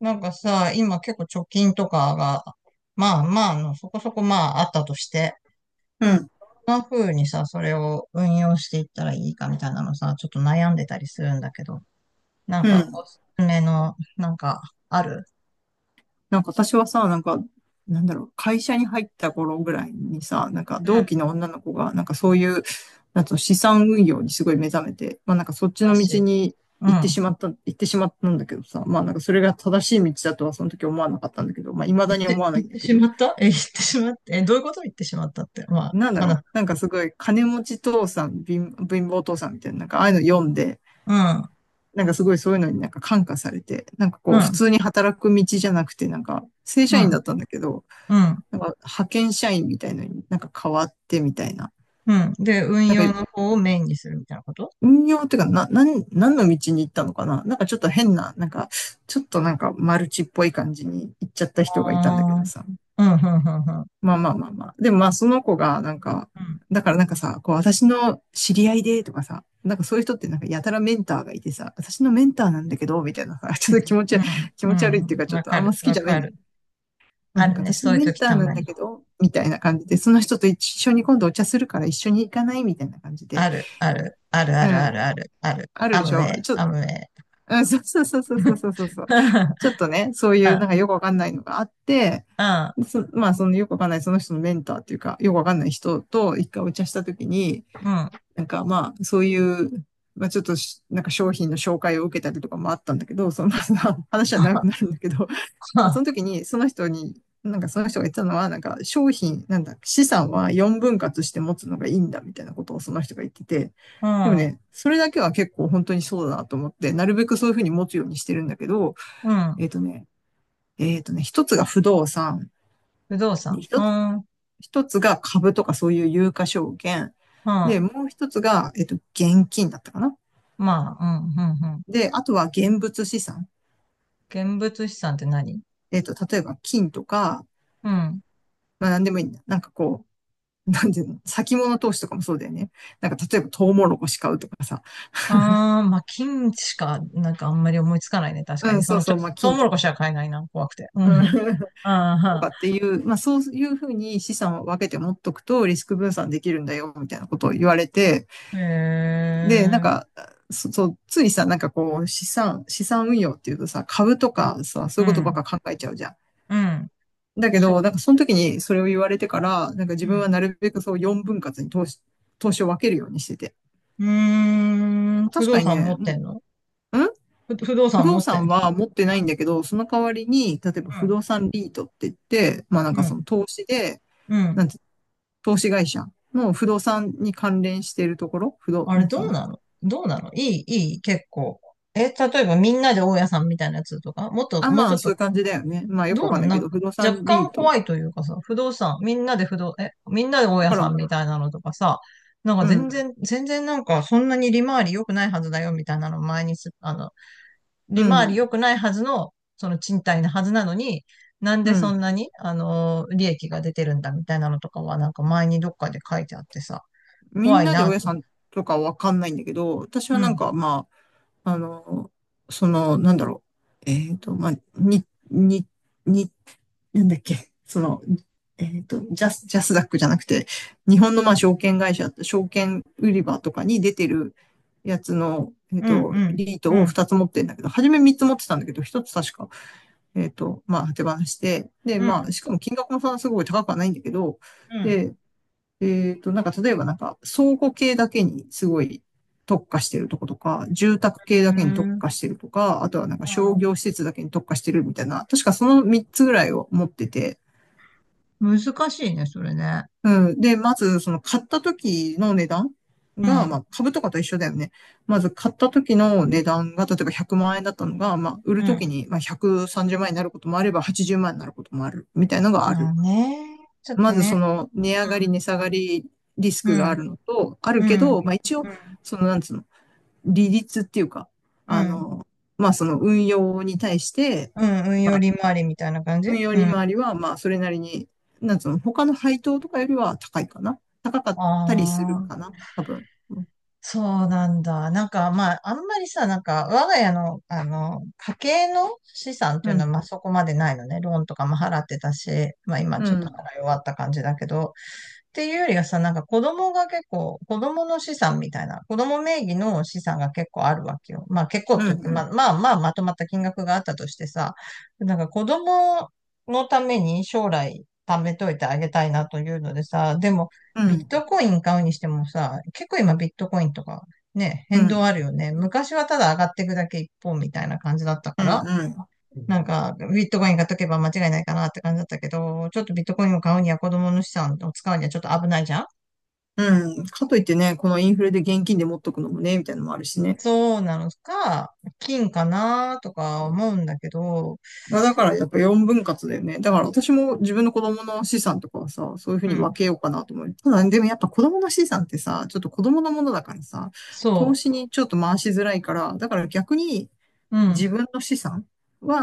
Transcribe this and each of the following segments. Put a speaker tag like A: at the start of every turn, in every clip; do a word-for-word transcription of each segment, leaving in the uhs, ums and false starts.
A: なんかさ、今結構貯金とかが、まあまああの、そこそこまああったとして、
B: うん、
A: こんな風にさ、それを運用していったらいいかみたいなのさ、ちょっと悩んでたりするんだけど、なん
B: う
A: か
B: ん。
A: おすすめの、なんか、ある？
B: なんか私はさ、なんか、なんだろう、会社に入った頃ぐらいにさ、なんか
A: うん。素
B: 同期の女の子が、なんかそういう、なんつうの資産運用にすごい目覚めて、まあなんかそっち
A: 晴ら
B: の
A: し
B: 道
A: い。
B: に
A: う
B: 行ってし
A: ん。
B: まった、行ってしまったんだけどさ、まあなんかそれが正しい道だとはその時思わなかったんだけど、まあ未
A: 言
B: だ
A: っ
B: に思
A: て、
B: わな
A: 言
B: い
A: っ
B: んだ
A: て
B: け
A: し
B: ど、
A: まった？え、言ってしまって、え、どういうこと？言ってしまったって。まあ、
B: なんだろう、
A: 話。
B: なんかすごい金持ち父さん、貧貧乏父さんみたいな、なんかああいうの読んで、
A: うん、
B: なんかすごいそういうのになんか感化されて、なんか
A: う
B: こう普
A: ん、
B: 通に働く道じゃなくて、なんか正
A: う
B: 社員だ
A: ん、
B: ったんだけど、
A: うん、
B: なんか派遣社員みたいのになんか変わってみたいな。
A: うん。で、運
B: なん
A: 用
B: か
A: の方をメインにするみたいなこと？
B: 運用っていうか、な、なん、何の道に行ったのかな、なんかちょっと変な、なんか、ちょっとなんかマルチっぽい感じに行っちゃった人がいたんだけ
A: ああ
B: ど
A: ー、
B: さ。
A: うん、うん、うん、うん。
B: まあまあまあまあ。でもまあその子がなんか、
A: うん。
B: だからなんかさ、こう私の知り合いでとかさ、なんかそういう人ってなんかやたらメンターがいてさ、私のメンターなんだけど、みたいなさ、ちょっと気持
A: う
B: ち、
A: ん、
B: 気
A: う
B: 持ち悪いっていうか
A: ん、
B: ちょっ
A: わ
B: と
A: か
B: あんま
A: る、
B: 好き
A: わ
B: じゃないん
A: か
B: だよ
A: る。
B: ね。まあ、
A: あ
B: なん
A: る
B: か
A: ね、
B: 私
A: そ
B: の
A: ういう
B: メン
A: 時
B: ター
A: た
B: な
A: ま
B: んだ
A: に。
B: けど、みたいな感じで、その人と一緒に今度お茶するから一緒に行かないみたいな感じ
A: あ
B: で、
A: る、ある、ある、あ
B: う
A: る、ある、
B: ん、
A: ある、ある。
B: ある
A: ア
B: で
A: ム
B: し
A: ウ
B: ょ
A: ェイ、
B: ちょ、
A: アムウェイ。
B: うん、そうそうそうそうそうそうそうそう。ちょっとね、そういうな
A: あ、
B: んかよくわかんないのがあって、
A: あ、
B: そ、まあそのよくわかんないその人のメンターっていうか、よくわかんない人と一回お茶したときに、
A: うん。
B: なんかまあそういう、まあちょっとしなんか商品の紹介を受けたりとかもあったんだけど、そのまあ 話は長くなるんだけど、
A: う
B: まあ、
A: ん、
B: その時に、その人に、なんかその人が言ったのは、なんか商品、なんだ、資産はよんぶん割して持つのがいいんだみたいなことをその人が言ってて、
A: う
B: でも
A: ん、
B: ね、それだけは結構本当にそうだなと思って、なるべくそういうふうに持つようにしてるんだけど、
A: うん。
B: えっとね、えっとね、一つが不動産、
A: 不動
B: で
A: 産。う
B: 一つ、
A: ん、うん。
B: 一つが株とかそういう有価証券、で、もう一つが、えっと、現金だったかな。
A: まあ、うん、うん、うん。
B: で、あとは現物資産。
A: 現物資産って何？
B: えっと、例えば金とか、
A: うん。
B: まあ何でもいいんだ。なんかこう、なんていうの、先物投資とかもそうだよね。なんか例えばトウモロコシ買うとかさ、
A: ああ、まあ、金しか、なんかあんまり思いつかないね、確
B: う
A: かに。
B: ん、
A: そ
B: そう
A: の、ちょ
B: そう、
A: っ
B: まあ
A: と、トウ
B: 金
A: モ
B: と
A: ロ
B: か、
A: コシは買えないな、怖くて。うん。
B: と
A: あ
B: かっていう、まあそういうふうに資産を分けて持っとくとリスク分散できるんだよ、みたいなことを言われて、
A: あ、へ
B: で、なん
A: え。
B: か、そそう、ついさ、なんかこう、資産、資産運用っていうとさ、株とかさ、そ
A: う
B: ういうことばっ
A: ん、
B: か考えちゃうじゃん。
A: うん、
B: だけ
A: そ
B: ど、なんかその時にそれを言われてから、なんか
A: う。
B: 自
A: う
B: 分は
A: ん。
B: なるべくそうよんぶん割に投資、投資を分けるようにしてて。
A: うーん、不
B: 確
A: 動
B: かに
A: 産持
B: ね、
A: って
B: も
A: んの？
B: う、ん
A: ふ不動
B: 不
A: 産
B: 動
A: 持ってん
B: 産
A: の？
B: は持って
A: う
B: ないんだけど、その代わりに、例えば不
A: ん、
B: 動産リートって言って、まあなん
A: う
B: か
A: ん、う
B: その
A: ん。
B: 投資で、
A: う
B: な
A: ん。
B: んて、投資会社の不動産に関連しているところ、不動、
A: あ
B: な
A: れ
B: んつう
A: ど
B: の、
A: う
B: 不
A: な
B: 動
A: の？どうなの？いい、いい、結構？え、例えばみんなで大家さんみたいなやつとかもっと、
B: あ、
A: もう
B: ま
A: ちょ
B: あ
A: っ
B: そう
A: と、
B: いう感じだよね。まあよく
A: ど
B: わ
A: う
B: かん
A: な
B: な
A: の？
B: い
A: な
B: け
A: ん
B: ど、
A: か、
B: 不動
A: 若
B: 産リ
A: 干
B: ート。
A: 怖いというかさ、不動産、みんなで不動、え、みんなで大
B: だ
A: 家
B: から、
A: さんみたいなのとかさ、なんか
B: う
A: 全
B: ん、
A: 然、全然なんかそんなに利回り良くないはずだよみたいなの前にす、あの、
B: う
A: 利回り
B: ん、
A: 良くないはずの、その賃貸なはずなのに、なん
B: う
A: でそん
B: ん。
A: なに、あのー利益が出てるんだみたいなのとかは、なんか前にどっかで書いてあってさ、
B: み
A: 怖
B: ん
A: い
B: なで大
A: な。
B: 家さんとかわかんないんだけど、私
A: う
B: はなん
A: ん、
B: かまあ、あの、その、なんだろう。えっと、まあ、に、に、に、なんだっけ。その、えっと、ジャス、ジャスダックじゃなくて、日本のまあ証券会社、証券売り場とかに出てるやつの、えっ
A: うん、
B: と、リー
A: う
B: ト
A: ん、
B: を
A: うん、
B: ふたつ持ってんだけど、初めみっつ持ってたんだけど、ひとつ確か、えっと、まあ、手放して、で、
A: う
B: まあ、
A: ん、
B: しかも金額もそんなすごい高くはないんだけど、
A: うん。
B: で、えっと、なんか例えばなんか倉庫系だけにすごい特化してるとことか、住
A: う
B: 宅
A: ー
B: 系だけに
A: ん、
B: 特
A: うん。
B: 化してるとか、あとはなんか商業施設だけに特化してるみたいな、確かそのみっつぐらいを持ってて、
A: 難しいね、それね。
B: うん。で、まずその買った時の値段
A: う
B: が、
A: ん、
B: まあ株とかと一緒だよね。まず買った時の値段が、例えばひゃくまん円だったのが、まあ売
A: う
B: る時
A: ん。
B: にまあひゃくさんじゅうまん円になることもあればはちじゅうまん円になることもあるみたいなのがあ
A: まあ
B: る。
A: ね、ちょっ
B: ま
A: と
B: ずそ
A: ね。
B: の値上がり、値下がりリス
A: う
B: クがあ
A: ん、
B: るのと、ある
A: う
B: け
A: ん、
B: ど、まあ一応、
A: うん、うん、
B: そのなんつうの、利率っていうか、
A: う
B: あ
A: ん、
B: の、まあその運用に対して、
A: うん。運用
B: まあ
A: 利回りみたいな感じ。
B: 運用
A: う
B: 利
A: ん。
B: 回りはまあそれなりに、なんつうの、他の配当とかよりは高いかな。高かったりする
A: あ
B: か
A: あ。
B: な、多分。うん、
A: そうなんだ。なんか、まあ、あんまりさ、なんか、我が家の、あの、家計の資産って
B: う
A: いうのは、
B: ん、
A: まあ、そこまでないのね。ローンとかも払ってたし、まあ、今
B: う
A: ちょっと
B: ん、
A: 払い終わった感じだけど、っていうよりはさ、なんか子供が結構、子供の資産みたいな、子供名義の資産が結構あるわけよ。まあ結構っ
B: う
A: て言って、
B: ん、う
A: ま
B: ん、
A: あまあまあまとまった金額があったとしてさ、なんか子供のために将来貯めといてあげたいなというのでさ、でも
B: う
A: ビッ
B: ん、
A: トコイン買うにしてもさ、結構今ビットコインとかね、
B: う
A: 変
B: ん、
A: 動あるよね。昔はただ上がっていくだけ一方みたいな感じだった
B: う
A: から、
B: ん。
A: なんか、ビットコインが解けば間違いないかなって感じだったけど、ちょっとビットコインを買うには子供の資産を使うにはちょっと危ないじゃん。
B: うんかといってね、このインフレで現金で持っとくのもね、みたいなのもあるしね。
A: そうなのか、金かなとか思うんだけど、
B: まあだからやっぱよんぶん割だよね。だから私も自分の子供の資産とかはさ、そういうふう
A: う
B: に分
A: ん、
B: けようかなと思う。ただでもやっぱ子供の資産ってさ、ちょっと子供のものだからさ、
A: そ
B: 投資にちょっと回しづらいから、だから逆に
A: う、う
B: 自
A: ん、
B: 分の資産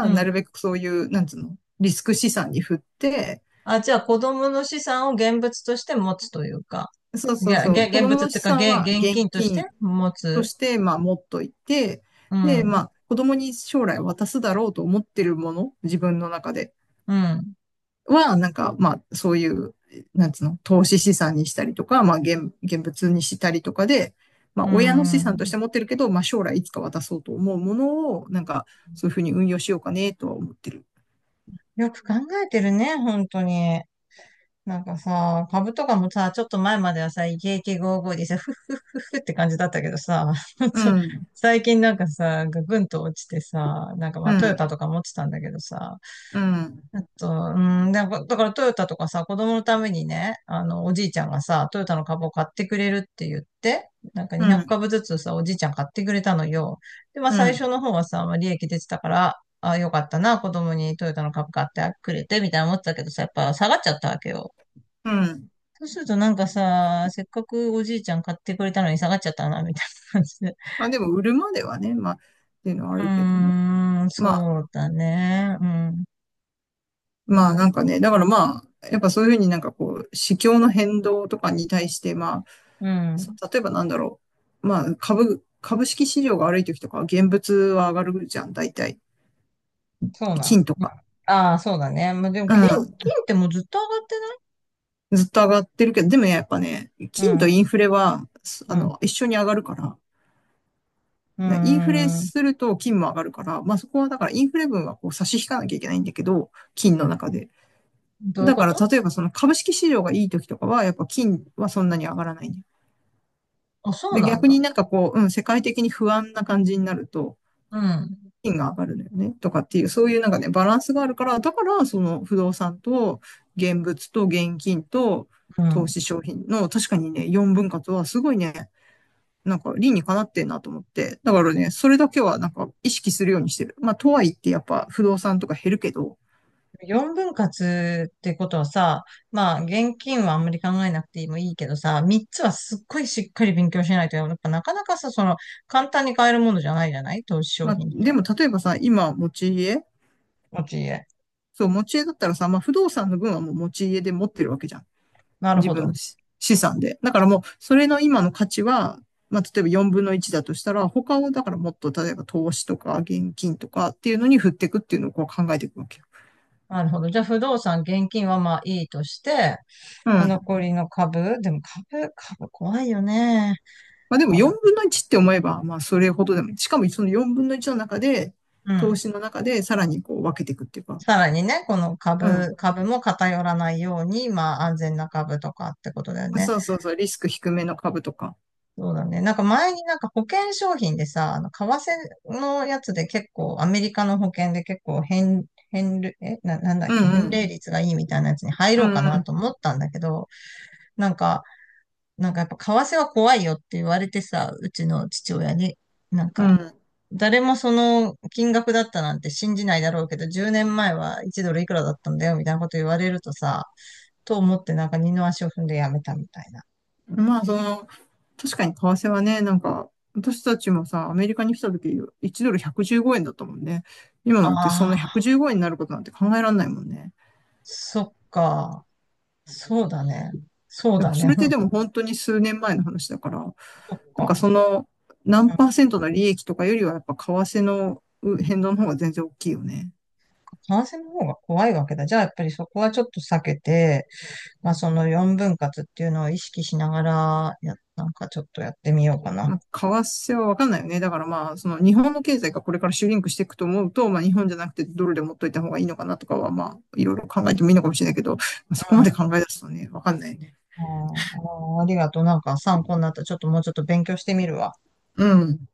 A: う
B: な
A: ん。
B: るべくそういう、なんつうの、リスク資産に振って、
A: あ、じゃあ子供の資産を現物として持つというか、
B: そう
A: い
B: そう
A: や
B: そ
A: げ、
B: う、子
A: 現
B: 供
A: 物っ
B: の
A: ていう
B: 資
A: か、
B: 産
A: げ、
B: は
A: 現
B: 現
A: 金として
B: 金
A: 持
B: と
A: つ。
B: して、まあ持っといて、
A: う
B: で、ま
A: ん、
B: あ子供に将来渡すだろうと思ってるもの、自分の中で
A: うん、
B: は、なんか、まあ、そういう、なんつうの、投資資産にしたりとか、まあ、現、現物にしたりとかで、まあ、
A: う
B: 親の資産とし
A: ん。
B: て持ってるけど、まあ、将来いつか渡そうと思うものを、なんか、そういうふうに運用しようかね、とは思ってる。
A: よく考えてるね、本当に。なんかさ、株とかもさ、ちょっと前まではさ、イケイケゴーゴーでさ、フッフッフッフッって感じだったけどさ、
B: う
A: ちょ
B: ん、
A: 最近なんかさ、ぐんと落ちてさ、なんかま
B: う
A: あトヨタ
B: ん、
A: とか持ってたんだけどさ、
B: うん、
A: あと、うん、なんかだからトヨタとかさ、子供のためにね、あの、おじいちゃんがさ、トヨタの株を買ってくれるって言って、なんか
B: う
A: にひゃく
B: ん、
A: 株ずつさ、おじいちゃん買ってくれたのよ。で、まあ
B: う
A: 最初
B: ん、
A: の方はさ、まあ利益出てたから、あ、よかったな、子供にトヨタの株買ってくれて、みたいな思ってたけどさ、やっぱ下がっちゃったわけよ。
B: うん。
A: そうするとなんかさ、せっかくおじいちゃん買ってくれたのに下がっちゃったな、みたいな感じで。
B: まあ、でも、売るまではね、まあ、っていうのはあ
A: う
B: るけどね。
A: ーん、
B: まあ
A: そうだね。うん。な
B: まあ
A: ん
B: なんかね、だからまあ、やっぱそういうふうになんかこう、市況の変動とかに対して、まあ、
A: う
B: そ
A: ん。
B: 例えばなんだろう、まあ株、株式市場が悪い時とかは現物は上がるじゃん、大体。
A: そうなん。うん。
B: 金とか。
A: ああ、そうだね。まあ、でも、
B: う
A: 金、金
B: ん。
A: ってもうずっと上がって
B: ずっと上がってるけど、でもやっぱね、金と
A: ない？
B: インフレは、す
A: う
B: あ
A: ん、
B: の、一緒に上がるから、
A: う
B: でインフレ
A: ん。うーん。
B: すると金も上がるから、まあそこはだからインフレ分はこう差し引かなきゃいけないんだけど、金の中で。
A: どういう
B: だ
A: こ
B: から
A: と？
B: 例えばその株式市場がいい時とかは、やっぱ金はそんなに上がらないんだ。
A: あ、そう
B: で、
A: なん
B: 逆
A: だ。
B: になんかこう、うん、世界的に不安な感じになると、
A: うん、
B: 金が上がるのよね、とかっていう、そういうなんかね、バランスがあるから、だから、その不動産と現物と現金と
A: う
B: 投
A: ん。
B: 資商品の、確かにね、よんぶん割はすごいね、なんか理にかなってんなと思って、だからね、それだけはなんか意識するようにしてる。まあ、とはいってやっぱ不動産とか減るけど、
A: よんぶん割ってことはさ、まあ現金はあんまり考えなくてもいいけどさ、みっつはすっごいしっかり勉強しないと、やっぱなかなかさ、その簡単に買えるものじゃないじゃない、投資商
B: まあ、
A: 品っ
B: で
A: て。
B: も例えばさ、今持ち家
A: 持ち家。
B: そう、持ち家だったらさ、まあ、不動産の分はもう持ち家で持ってるわけじゃん。
A: なる
B: 自
A: ほ
B: 分の
A: ど。
B: 資産で。だからもう、それの今の価値は、まあ、例えばよんぶんのいちだとしたら、他を、だからもっと、例えば投資とか現金とかっていうのに振っていくっていうのをこう考えていくわけよ。
A: なるほど。じゃあ不動産、現金はまあいいとして、
B: うん。
A: 残りの株、でも株、株怖いよね。
B: まあでも4
A: 株。
B: 分のいちって思えば、まあそれほどでも、しかもそのよんぶんのいちの中で、
A: う
B: 投
A: ん。
B: 資の中でさらにこう分けていくっていうか、
A: さらにね、この
B: う
A: 株、
B: ん。
A: 株も偏らないように、まあ安全な株とかってことだよね。
B: そうそうそう、リスク低めの株とか。
A: そうだね。なんか前になんか保険商品でさ、あの、為替のやつで結構、アメリカの保険で結構変、変る、え、な、なんだっ
B: うん
A: け、
B: う
A: 返礼
B: ん。
A: 率がいいみたいなやつに入
B: う
A: ろう
B: ん
A: か
B: う
A: な
B: ん。
A: と思ったんだけど、なんか、なんかやっぱ為替は怖いよって言われてさ、うちの父親に、なん
B: う
A: か、
B: ん。
A: 誰もその金額だったなんて信じないだろうけど、じゅうねんまえはいちドルいくらだったんだよみたいなこと言われるとさ、と思ってなんか二の足を踏んでやめたみたいな。
B: まあ、その、確かに為替はね、なんか、私たちもさ、アメリカに来た時、いちドルひゃくじゅうごえんだったもんね。今
A: あ
B: なんてそんな
A: あ、
B: ひゃくじゅうごえんになることなんて考えられないもんね。
A: そっか。そうだね。そう
B: でも
A: だ
B: そ
A: ね。
B: れっ
A: う
B: て
A: ん。
B: でも本当に数年前の話だから、
A: そっ
B: なんか
A: か。
B: そ
A: そ。
B: の、
A: う
B: 何
A: ん。
B: パーセントの利益とかよりはやっぱ為替のう変動の方が全然大きいよね。
A: 感染の方が怖いわけだ。じゃあ、やっぱりそこはちょっと避けて、まあ、そのよんぶん割っていうのを意識しながら、や、なんかちょっとやってみようかな。
B: まあ、為替はわかんないよね。だからまあ、その日本の経済がこれからシュリンクしていくと思うと、まあ日本じゃなくてドルで持っといた方がいいのかなとかは、まあ、いろいろ考えてもいいのかもしれないけど、まあ、そ
A: う
B: こ
A: ん。
B: まで
A: あ
B: 考え出すとね、わかんないよね。
A: ー、あー、ありがとう。なんか参考になった。ちょっともうちょっと勉強してみるわ。
B: うん。